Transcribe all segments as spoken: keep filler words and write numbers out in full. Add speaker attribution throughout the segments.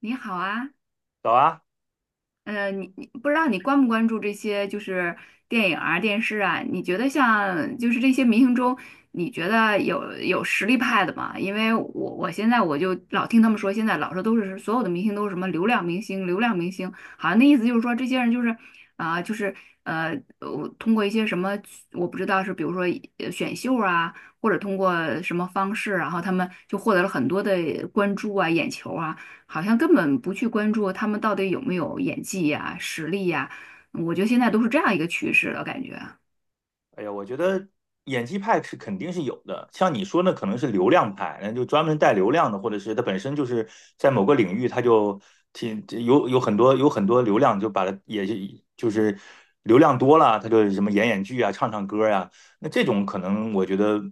Speaker 1: 你好啊，
Speaker 2: 早啊。
Speaker 1: 呃，你你不知道你关不关注这些就是电影啊、电视啊？你觉得像就是这些明星中，你觉得有有实力派的吗？因为我我现在我就老听他们说，现在老说都是所有的明星都是什么流量明星、流量明星，好像那意思就是说这些人就是啊、就是呃，我通过一些什么我不知道是比如说呃选秀啊，或者通过什么方式，然后他们就获得了很多的关注啊、眼球啊。好像根本不去关注他们到底有没有演技呀、实力呀。我觉得现在都是这样一个趋势了，感觉。
Speaker 2: 哎呀，我觉得演技派是肯定是有的，像你说那可能是流量派，那就专门带流量的，或者是他本身就是在某个领域，他就挺有有很多有很多流量，就把它也是就是流量多了，他就什么演演剧啊，唱唱歌呀。那这种可能我觉得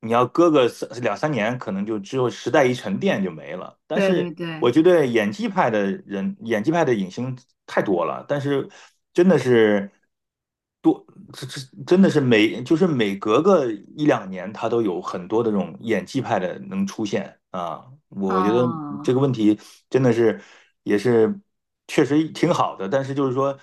Speaker 2: 你要搁个三两三年，可能就只有时代一沉淀就没了。但
Speaker 1: 对对
Speaker 2: 是我
Speaker 1: 对，
Speaker 2: 觉得演技派的人，演技派的影星太多了，但是真的是多，这这真的是每就是每隔个一两年，他都有很多的这种演技派的能出现啊。我觉得这
Speaker 1: 啊。
Speaker 2: 个问题真的是也是确实挺好的，但是就是说。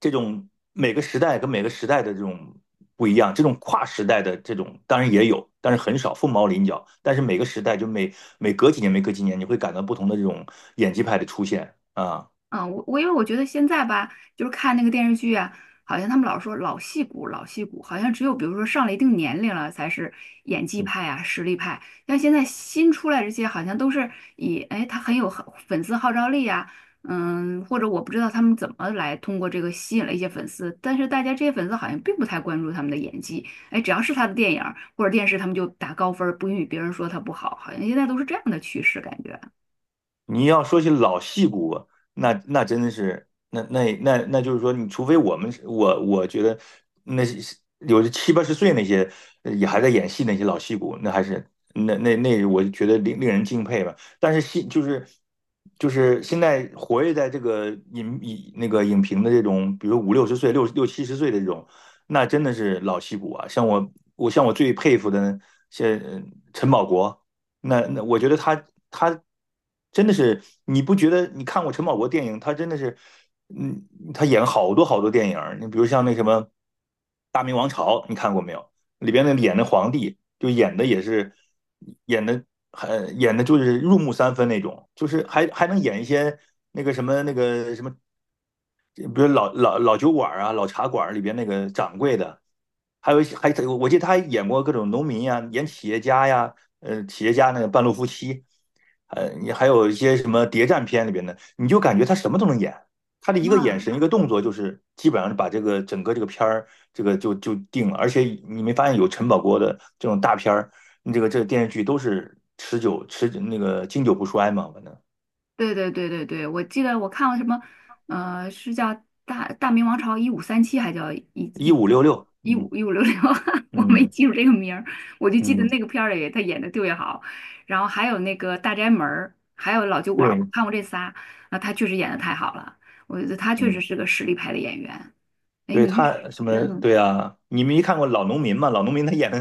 Speaker 2: 这种每个时代跟每个时代的这种不一样，这种跨时代的这种当然也有，但是很少，凤毛麟角。但是每个时代就每每隔几年、每隔几年，你会感到不同的这种演技派的出现啊。
Speaker 1: 嗯，我我因为我觉得现在吧，就是看那个电视剧啊，好像他们老说老戏骨，老戏骨，好像只有比如说上了一定年龄了才是演技派啊，实力派。像现在新出来这些，好像都是以哎他很有很粉丝号召力啊，嗯，或者我不知道他们怎么来通过这个吸引了一些粉丝，但是大家这些粉丝好像并不太关注他们的演技，哎，只要是他的电影儿或者电视，他们就打高分儿不允许别人说他不好，好像现在都是这样的趋势感觉。
Speaker 2: 你要说起老戏骨，那那真的是，那那那那就是说，你除非我们是我我觉得那些有的七八十岁那些呃也还在演戏那些老戏骨，那还是那那那，我就觉得令令人敬佩吧。但是戏就是就是现在活跃在这个影影那个影评的这种，比如五六十岁、六六七十岁的这种，那真的是老戏骨啊。像我我像我最佩服的，像呃陈宝国。那那我觉得他他真的是，你不觉得？你看过陈宝国电影，他真的是，嗯，他演好多好多电影儿，你比如像那什么《大明王朝》，你看过没有？里边那演的皇帝，就演的也是演的很演的就是入木三分那种，就是还还能演一些那个什么那个什么，比如老老老酒馆啊、老茶馆里边那个掌柜的，还有一些还我记得他还演过各种农民呀、演企业家呀，呃，企业家那个半路夫妻，呃，你还有一些什么谍战片里边的，你就感觉他什么都能演。他的一个眼
Speaker 1: 啊
Speaker 2: 神、一个动作，就是基本上是把这个整个这个片儿这个就就定了。而且你没发现有陈宝国的这种大片儿，你这个这个电视剧都是持久持那个经久不衰嘛，反正
Speaker 1: 对对对对对，我记得我看了什么，呃，是叫大《大明王朝一五三七》，还叫一
Speaker 2: 一
Speaker 1: 一
Speaker 2: 五六六，
Speaker 1: 一
Speaker 2: 嗯
Speaker 1: 五一五六六，我没
Speaker 2: 嗯
Speaker 1: 记住这个名儿，我就记得
Speaker 2: 嗯，
Speaker 1: 那个片儿里他演的特别好，然后还有那个《大宅门》，儿，还有《老酒馆》，我
Speaker 2: 对，
Speaker 1: 看过这仨，啊，他确实演的太好了，我觉得他确实
Speaker 2: 嗯。
Speaker 1: 是个实力派的演员。哎，
Speaker 2: 对
Speaker 1: 你
Speaker 2: 他
Speaker 1: 是
Speaker 2: 什么？
Speaker 1: 嗯
Speaker 2: 对啊，你们没看过《老农民》吗？《老农民》他演的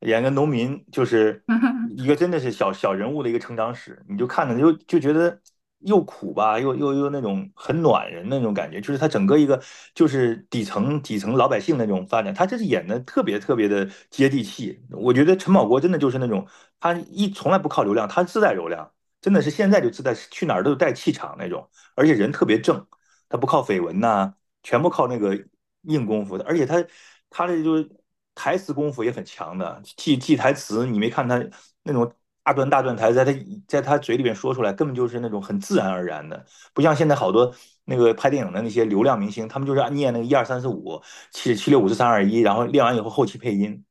Speaker 2: 演个农民，就是
Speaker 1: 嗯。
Speaker 2: 一个真的是小小人物的一个成长史，你就看着就就觉得又苦吧，又又又那种很暖人的那种感觉，就是他整个一个就是底层底层老百姓那种发展，他这是演的特别特别的接地气。我觉得陈宝国真的就是那种他一从来不靠流量，他自带流量，真的是现在就自带去哪儿都带气场那种，而且人特别正，他不靠绯闻呐，全部靠那个硬功夫的，而且他他这就是台词功夫也很强的，记记台词。你没看他那种大段大段台词，在他在他嘴里边说出来，根本就是那种很自然而然的。不像现在好多那个拍电影的那些流量明星，他们就是念那个一二三四五七七六五四三二一，然后练完以后后期配音。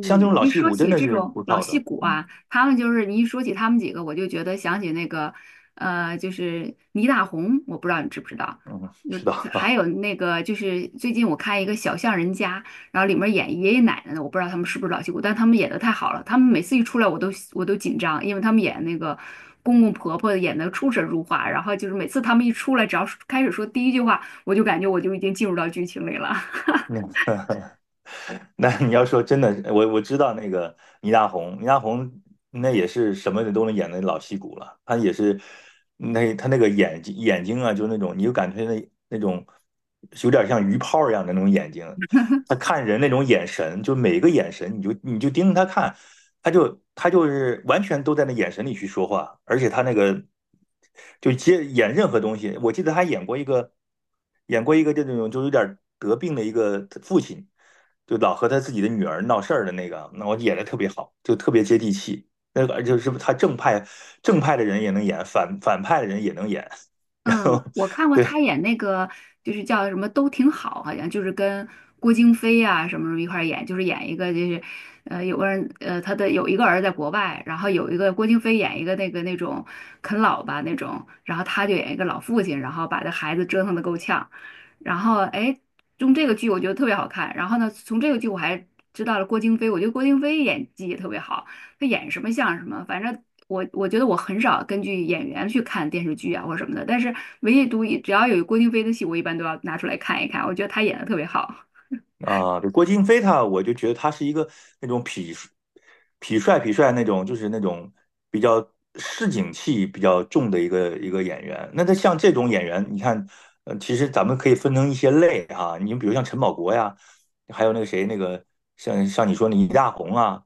Speaker 2: 像这种
Speaker 1: 你
Speaker 2: 老
Speaker 1: 一
Speaker 2: 戏
Speaker 1: 说
Speaker 2: 骨真
Speaker 1: 起
Speaker 2: 的
Speaker 1: 这
Speaker 2: 是
Speaker 1: 种
Speaker 2: 不
Speaker 1: 老
Speaker 2: 靠
Speaker 1: 戏
Speaker 2: 的。
Speaker 1: 骨
Speaker 2: 嗯
Speaker 1: 啊，他们就是你一说起他们几个，我就觉得想起那个，呃，就是倪大红，我不知道你知不知道，
Speaker 2: 嗯，
Speaker 1: 就
Speaker 2: 知
Speaker 1: 是
Speaker 2: 道
Speaker 1: 还
Speaker 2: 啊。
Speaker 1: 有那个就是最近我看一个《小巷人家》，然后里面演爷爷奶奶的，我不知道他们是不是老戏骨，但他们演的太好了，他们每次一出来我都我都紧张，因为他们演那个公公婆婆演的出神入化，然后就是每次他们一出来，只要是开始说第一句话，我就感觉我就已经进入到剧情里了。
Speaker 2: 那个。那你要说真的，我我知道那个倪大红，倪大红那也是什么都能演的老戏骨了。他也是。那他那个眼睛眼睛啊，就那种你就感觉那那种有点像鱼泡一样的那种眼睛。他看人那种眼神，就每个眼神，你就你就盯着他看，他就他就是完全都在那眼神里去说话。而且他那个就接演任何东西。我记得他演过一个演过一个这种就有点得病的一个父亲，就老和他自己的女儿闹事儿的那个，那我演的特别好，就特别接地气。那个就是他正派正派的人也能演，反反派的人也能演。然
Speaker 1: 嗯，
Speaker 2: 后
Speaker 1: 我看过
Speaker 2: 对
Speaker 1: 他演那个，就是叫什么都挺好，好像就是跟郭京飞啊什么什么一块儿演，就是演一个就是，呃，有个人呃他的有一个儿子在国外，然后有一个郭京飞演一个那个那种啃老吧那种，然后他就演一个老父亲，然后把这孩子折腾的够呛，然后哎，用这个剧我觉得特别好看，然后呢，从这个剧我还知道了郭京飞，我觉得郭京飞演技也特别好。他演什么像什么，反正我我觉得我很少根据演员去看电视剧啊或什么的，但是唯独一只要有郭京飞的戏，我一般都要拿出来看一看，我觉得他演的特别好。
Speaker 2: 啊，对，郭京飞他，我就觉得他是一个那种痞痞帅痞帅那种，就是那种比较市井气比较重的一个一个演员。那他像这种演员，你看，呃，其实咱们可以分成一些类哈，你比如像陈宝国呀，还有那个谁，那个像像你说那倪大红啊，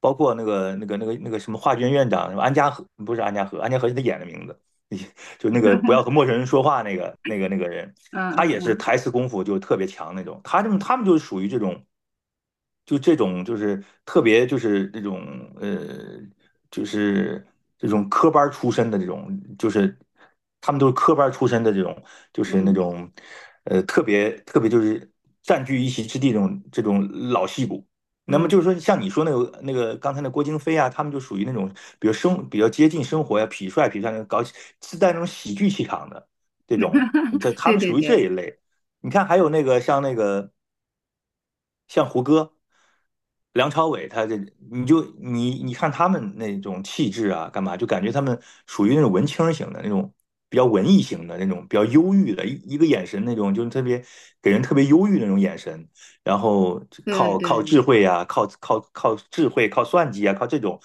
Speaker 2: 包括那个那个那个那个什么华卷院长，什么安家和不是安家和，安家和是他演的名字。就那个不要和陌生人说话那个那个那个人，他
Speaker 1: 嗯
Speaker 2: 也是
Speaker 1: 嗯
Speaker 2: 台词功夫就特别强那种。他这么他们就是属于这种，就这种就是特别就是这种呃就是这种科班出身的这种，就是他们都是科班出身的这种，就是那
Speaker 1: 嗯
Speaker 2: 种呃特别特别就是占据一席之地这种这种老戏骨。那么
Speaker 1: 嗯
Speaker 2: 就
Speaker 1: 嗯，
Speaker 2: 是说，像你说那个那个刚才那郭京飞啊，他们就属于那种比如生比较接近生活呀、痞帅痞帅那种搞喜自带那种喜剧气场的这种，这 他
Speaker 1: 对
Speaker 2: 们
Speaker 1: 对
Speaker 2: 属于这
Speaker 1: 对
Speaker 2: 一类。你看，还有那个像那个像胡歌、梁朝伟，他这你就你你看他们那种气质啊，干嘛就感觉他们属于那种文青型的那种，比较文艺型的那种，比较忧郁的，一一个眼神那种，就是特别给人特别忧郁的那种眼神。然后
Speaker 1: 对对
Speaker 2: 靠靠智
Speaker 1: 对。
Speaker 2: 慧啊，靠靠靠智慧，靠算计啊，靠这种，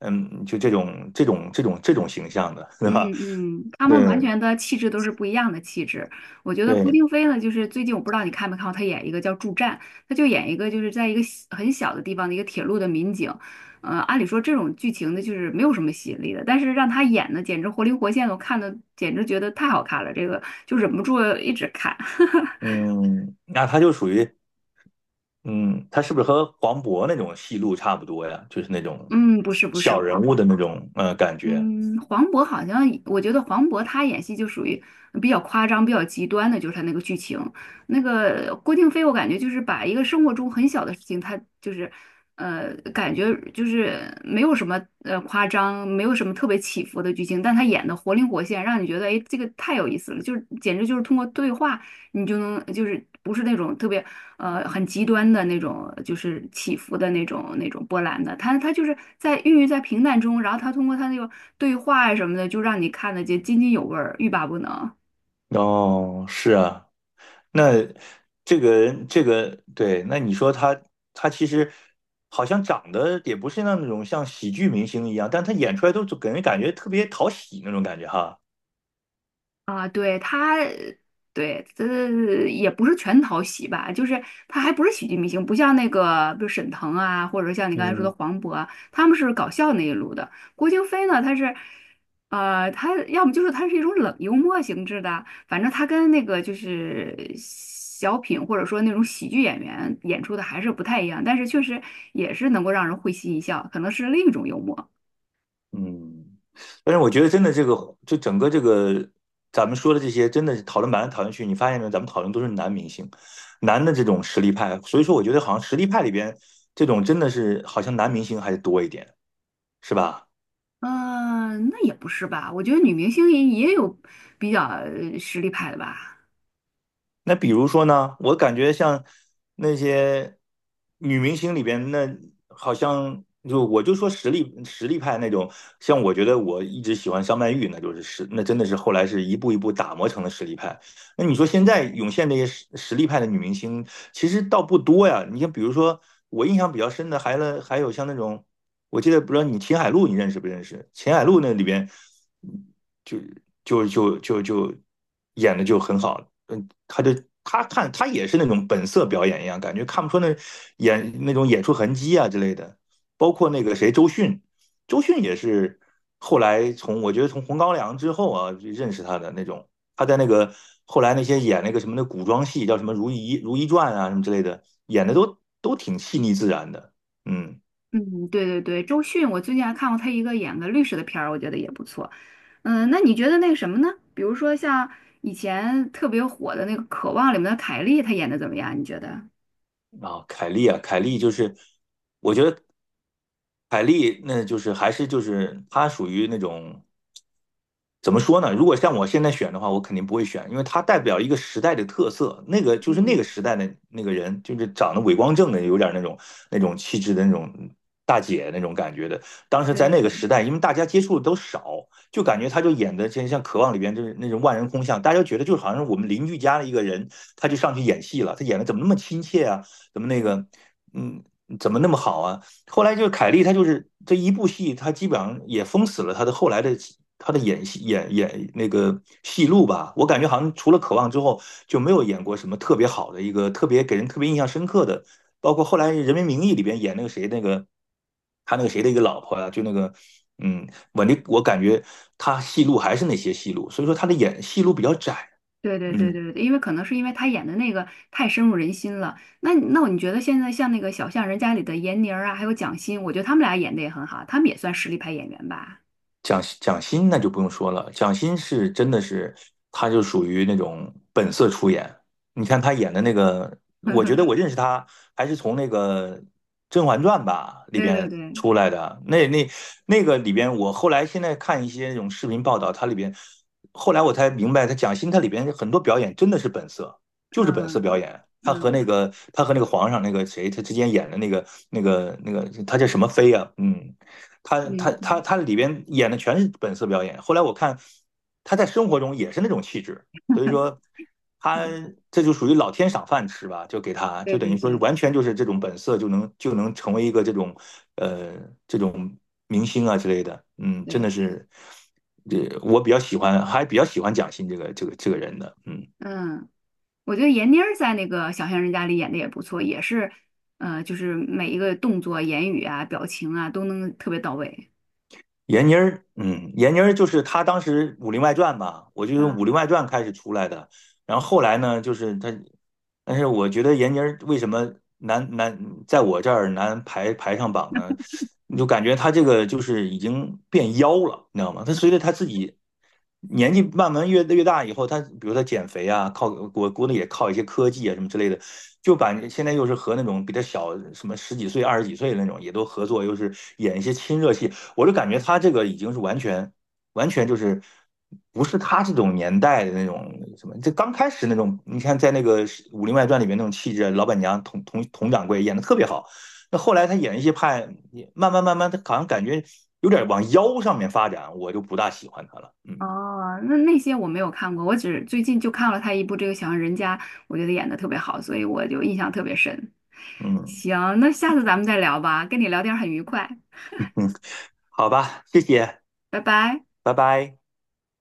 Speaker 2: 嗯，就这种这种这种这种形象的，对
Speaker 1: 嗯
Speaker 2: 吧？
Speaker 1: 嗯，他们完
Speaker 2: 对
Speaker 1: 全的气质都是不一样的气质。我觉得郭
Speaker 2: 对。
Speaker 1: 京飞呢，就是最近我不知道你看没看过，他演一个叫《助战》，他就演一个就是在一个小很小的地方的一个铁路的民警。呃，按理说这种剧情呢，就是没有什么吸引力的，但是让他演的简直活灵活现的，我看的简直觉得太好看了，这个就忍不住一直看。
Speaker 2: 嗯，那他就属于。嗯，他是不是和黄渤那种戏路差不多呀？就是那种
Speaker 1: 嗯，不是不是，
Speaker 2: 小人
Speaker 1: 黄
Speaker 2: 物的那种呃感觉。
Speaker 1: 嗯，黄渤好像，我觉得黄渤他演戏就属于比较夸张、比较极端的，就是他那个剧情。那个郭京飞，我感觉就是把一个生活中很小的事情，他就是，呃，感觉就是没有什么呃夸张，没有什么特别起伏的剧情，但他演的活灵活现，让你觉得哎，这个太有意思了，就是简直就是通过对话，你就能就是不是那种特别。呃很极端的那种，就是起伏的那种那种波澜的。他他就是在孕育在平淡中，然后他通过他那个对话啊什么的，就让你看得见津津有味儿，欲罢不能。
Speaker 2: 哦，是啊，那这个人这个对，那你说他，他其实好像长得也不是那种像喜剧明星一样，但他演出来都就给人感觉特别讨喜那种感觉哈。
Speaker 1: 啊，对他，对，这也不是全讨喜吧，就是他还不是喜剧明星，不像那个，比如沈腾啊，或者像你刚才说的
Speaker 2: 嗯。
Speaker 1: 黄渤啊，他们是搞笑那一路的。郭京飞呢，他是，呃，他要么就是他是一种冷幽默性质的，反正他跟那个就是小品或者说那种喜剧演员演出的还是不太一样，但是确实也是能够让人会心一笑，可能是另一种幽默。
Speaker 2: 嗯，但是我觉得真的这个，就整个这个咱们说的这些，真的是讨论来讨论去，你发现没有？咱们讨论都是男明星，男的这种实力派，所以说我觉得好像实力派里边这种真的是好像男明星还是多一点，是吧？
Speaker 1: 嗯，那也不是吧？我觉得女明星也也有比较呃实力派的吧。
Speaker 2: 那比如说呢，我感觉像那些女明星里边，那好像就我就说实力实力派那种，像我觉得我一直喜欢张曼玉，那就是实，那真的是后来是一步一步打磨成了实力派。那你说现在涌现这些实实力派的女明星，其实倒不多呀。你像比如说我印象比较深的，还了还有像那种。我记得不知道你秦海璐你认识不认识？秦海璐那里边就就就就就演的就很好，嗯，他就他看他也是那种本色表演一样，感觉看不出那演那种演出痕迹啊之类的。包括那个谁周迅，周迅也是后来从我觉得从《红高粱》之后啊认识他的那种，他在那个后来那些演那个什么的古装戏叫什么《如懿如懿传》啊什么之类的，演的都都挺细腻自然的，嗯。
Speaker 1: 嗯，对对对，周迅，我最近还看过她一个演个律师的片儿，我觉得也不错。嗯，那你觉得那个什么呢？比如说像以前特别火的那个《渴望》里面的凯莉，她演的怎么样？你觉得？
Speaker 2: 啊，凯利啊，凯利就是，我觉得凯利那就是还是就是她属于那种。怎么说呢？如果像我现在选的话，我肯定不会选，因为它代表一个时代的特色。那个就是那个
Speaker 1: 嗯，
Speaker 2: 时代的那个人，就是长得伟光正的，有点那种那种气质的那种大姐那种感觉的。当时
Speaker 1: 对
Speaker 2: 在
Speaker 1: 对
Speaker 2: 那个时
Speaker 1: 对。
Speaker 2: 代，因为大家接触的都少，就感觉他就演的真像《渴望》里边就是那种万人空巷，大家觉得就好像是我们邻居家的一个人，他就上去演戏了。他演的怎么那么亲切啊？怎么那个，嗯，怎么那么好啊？后来就是凯莉，她就是这一部戏，她基本上也封死了她的后来的她的演戏演演那个戏路吧。我感觉好像除了《渴望》之后，就没有演过什么特别好的一个特别给人特别印象深刻的。包括后来《人民名义》里边演那个谁那个他那个谁的一个老婆啊，就那个嗯，我那我感觉他戏路还是那些戏路，所以说他的演戏路比较窄。
Speaker 1: 对对对
Speaker 2: 嗯。
Speaker 1: 对对，因为可能是因为她演的那个太深入人心了。那那你觉得现在像那个《小巷人家》里的闫妮儿啊，还有蒋欣，我觉得他们俩演的也很好，他们也算实力派演员吧。
Speaker 2: 蒋蒋欣那就不用说了，蒋欣是真的是，她就属于那种本色出演。你看她演的那个，我觉得 我认识她还是从那个《甄嬛传》吧里
Speaker 1: 对对
Speaker 2: 边
Speaker 1: 对，嗯
Speaker 2: 出来的。那那那个里边，我后来现在看一些那种视频报道，它里边后来我才明白，她蒋欣她里边很多表演真的是本色，就是本色表演。她和
Speaker 1: 嗯
Speaker 2: 那个她和那个皇上那个谁，她之间演的那个那个那个，她叫什么妃啊？嗯，他他
Speaker 1: 嗯
Speaker 2: 他
Speaker 1: 嗯
Speaker 2: 他里边演的全是本色表演。后来我看他在生活中也是那种气质，所以说他
Speaker 1: 嗯，
Speaker 2: 这就属于老天赏饭吃吧，就给他就
Speaker 1: 对
Speaker 2: 等
Speaker 1: 对
Speaker 2: 于说是
Speaker 1: 对
Speaker 2: 完全就是这种本色就能就能成为一个这种呃这种明星啊之类的。嗯，真的
Speaker 1: 对，
Speaker 2: 是，这我比较喜欢，还比较喜欢蒋欣这个这个这个人的。嗯，
Speaker 1: 嗯，我觉得闫妮儿在那个《小巷人家》里演的也不错，也是，呃，就是每一个动作、言语啊、表情啊都能特别到位。
Speaker 2: 闫妮儿，嗯，闫妮儿就是她当时《武林外传》吧，我就用《武
Speaker 1: 嗯，
Speaker 2: 林外传》开始出来的。然后后来呢，就是他但是我觉得闫妮儿为什么难难在我这儿难排排上榜呢？你就感觉她这个就是已经变妖了，你知道吗？她随着她自己年纪慢慢越越大以后，她比如她减肥啊，靠我估计也靠一些科技啊什么之类的，就把现在又是和那种比她小什么十几岁、二十几岁的那种也都合作，又是演一些亲热戏，我就感觉她这个已经是完全。完全就是不是他这种年代的那种什么，这刚开始那种，你看在那个《武林外传》里面那种气质，老板娘佟佟佟掌柜演的特别好。那后来他演一些派，慢慢慢慢，他好像感觉有点往妖上面发展，我就不大喜欢他了。嗯
Speaker 1: 哦，那那些我没有看过，我只最近就看了她一部这个《小巷人家》，我觉得演的特别好，所以我就印象特别深。
Speaker 2: 嗯
Speaker 1: 行，那下次咱们再聊吧，跟你聊天很愉快，
Speaker 2: 嗯，好吧，谢谢，
Speaker 1: 拜拜。
Speaker 2: 拜拜。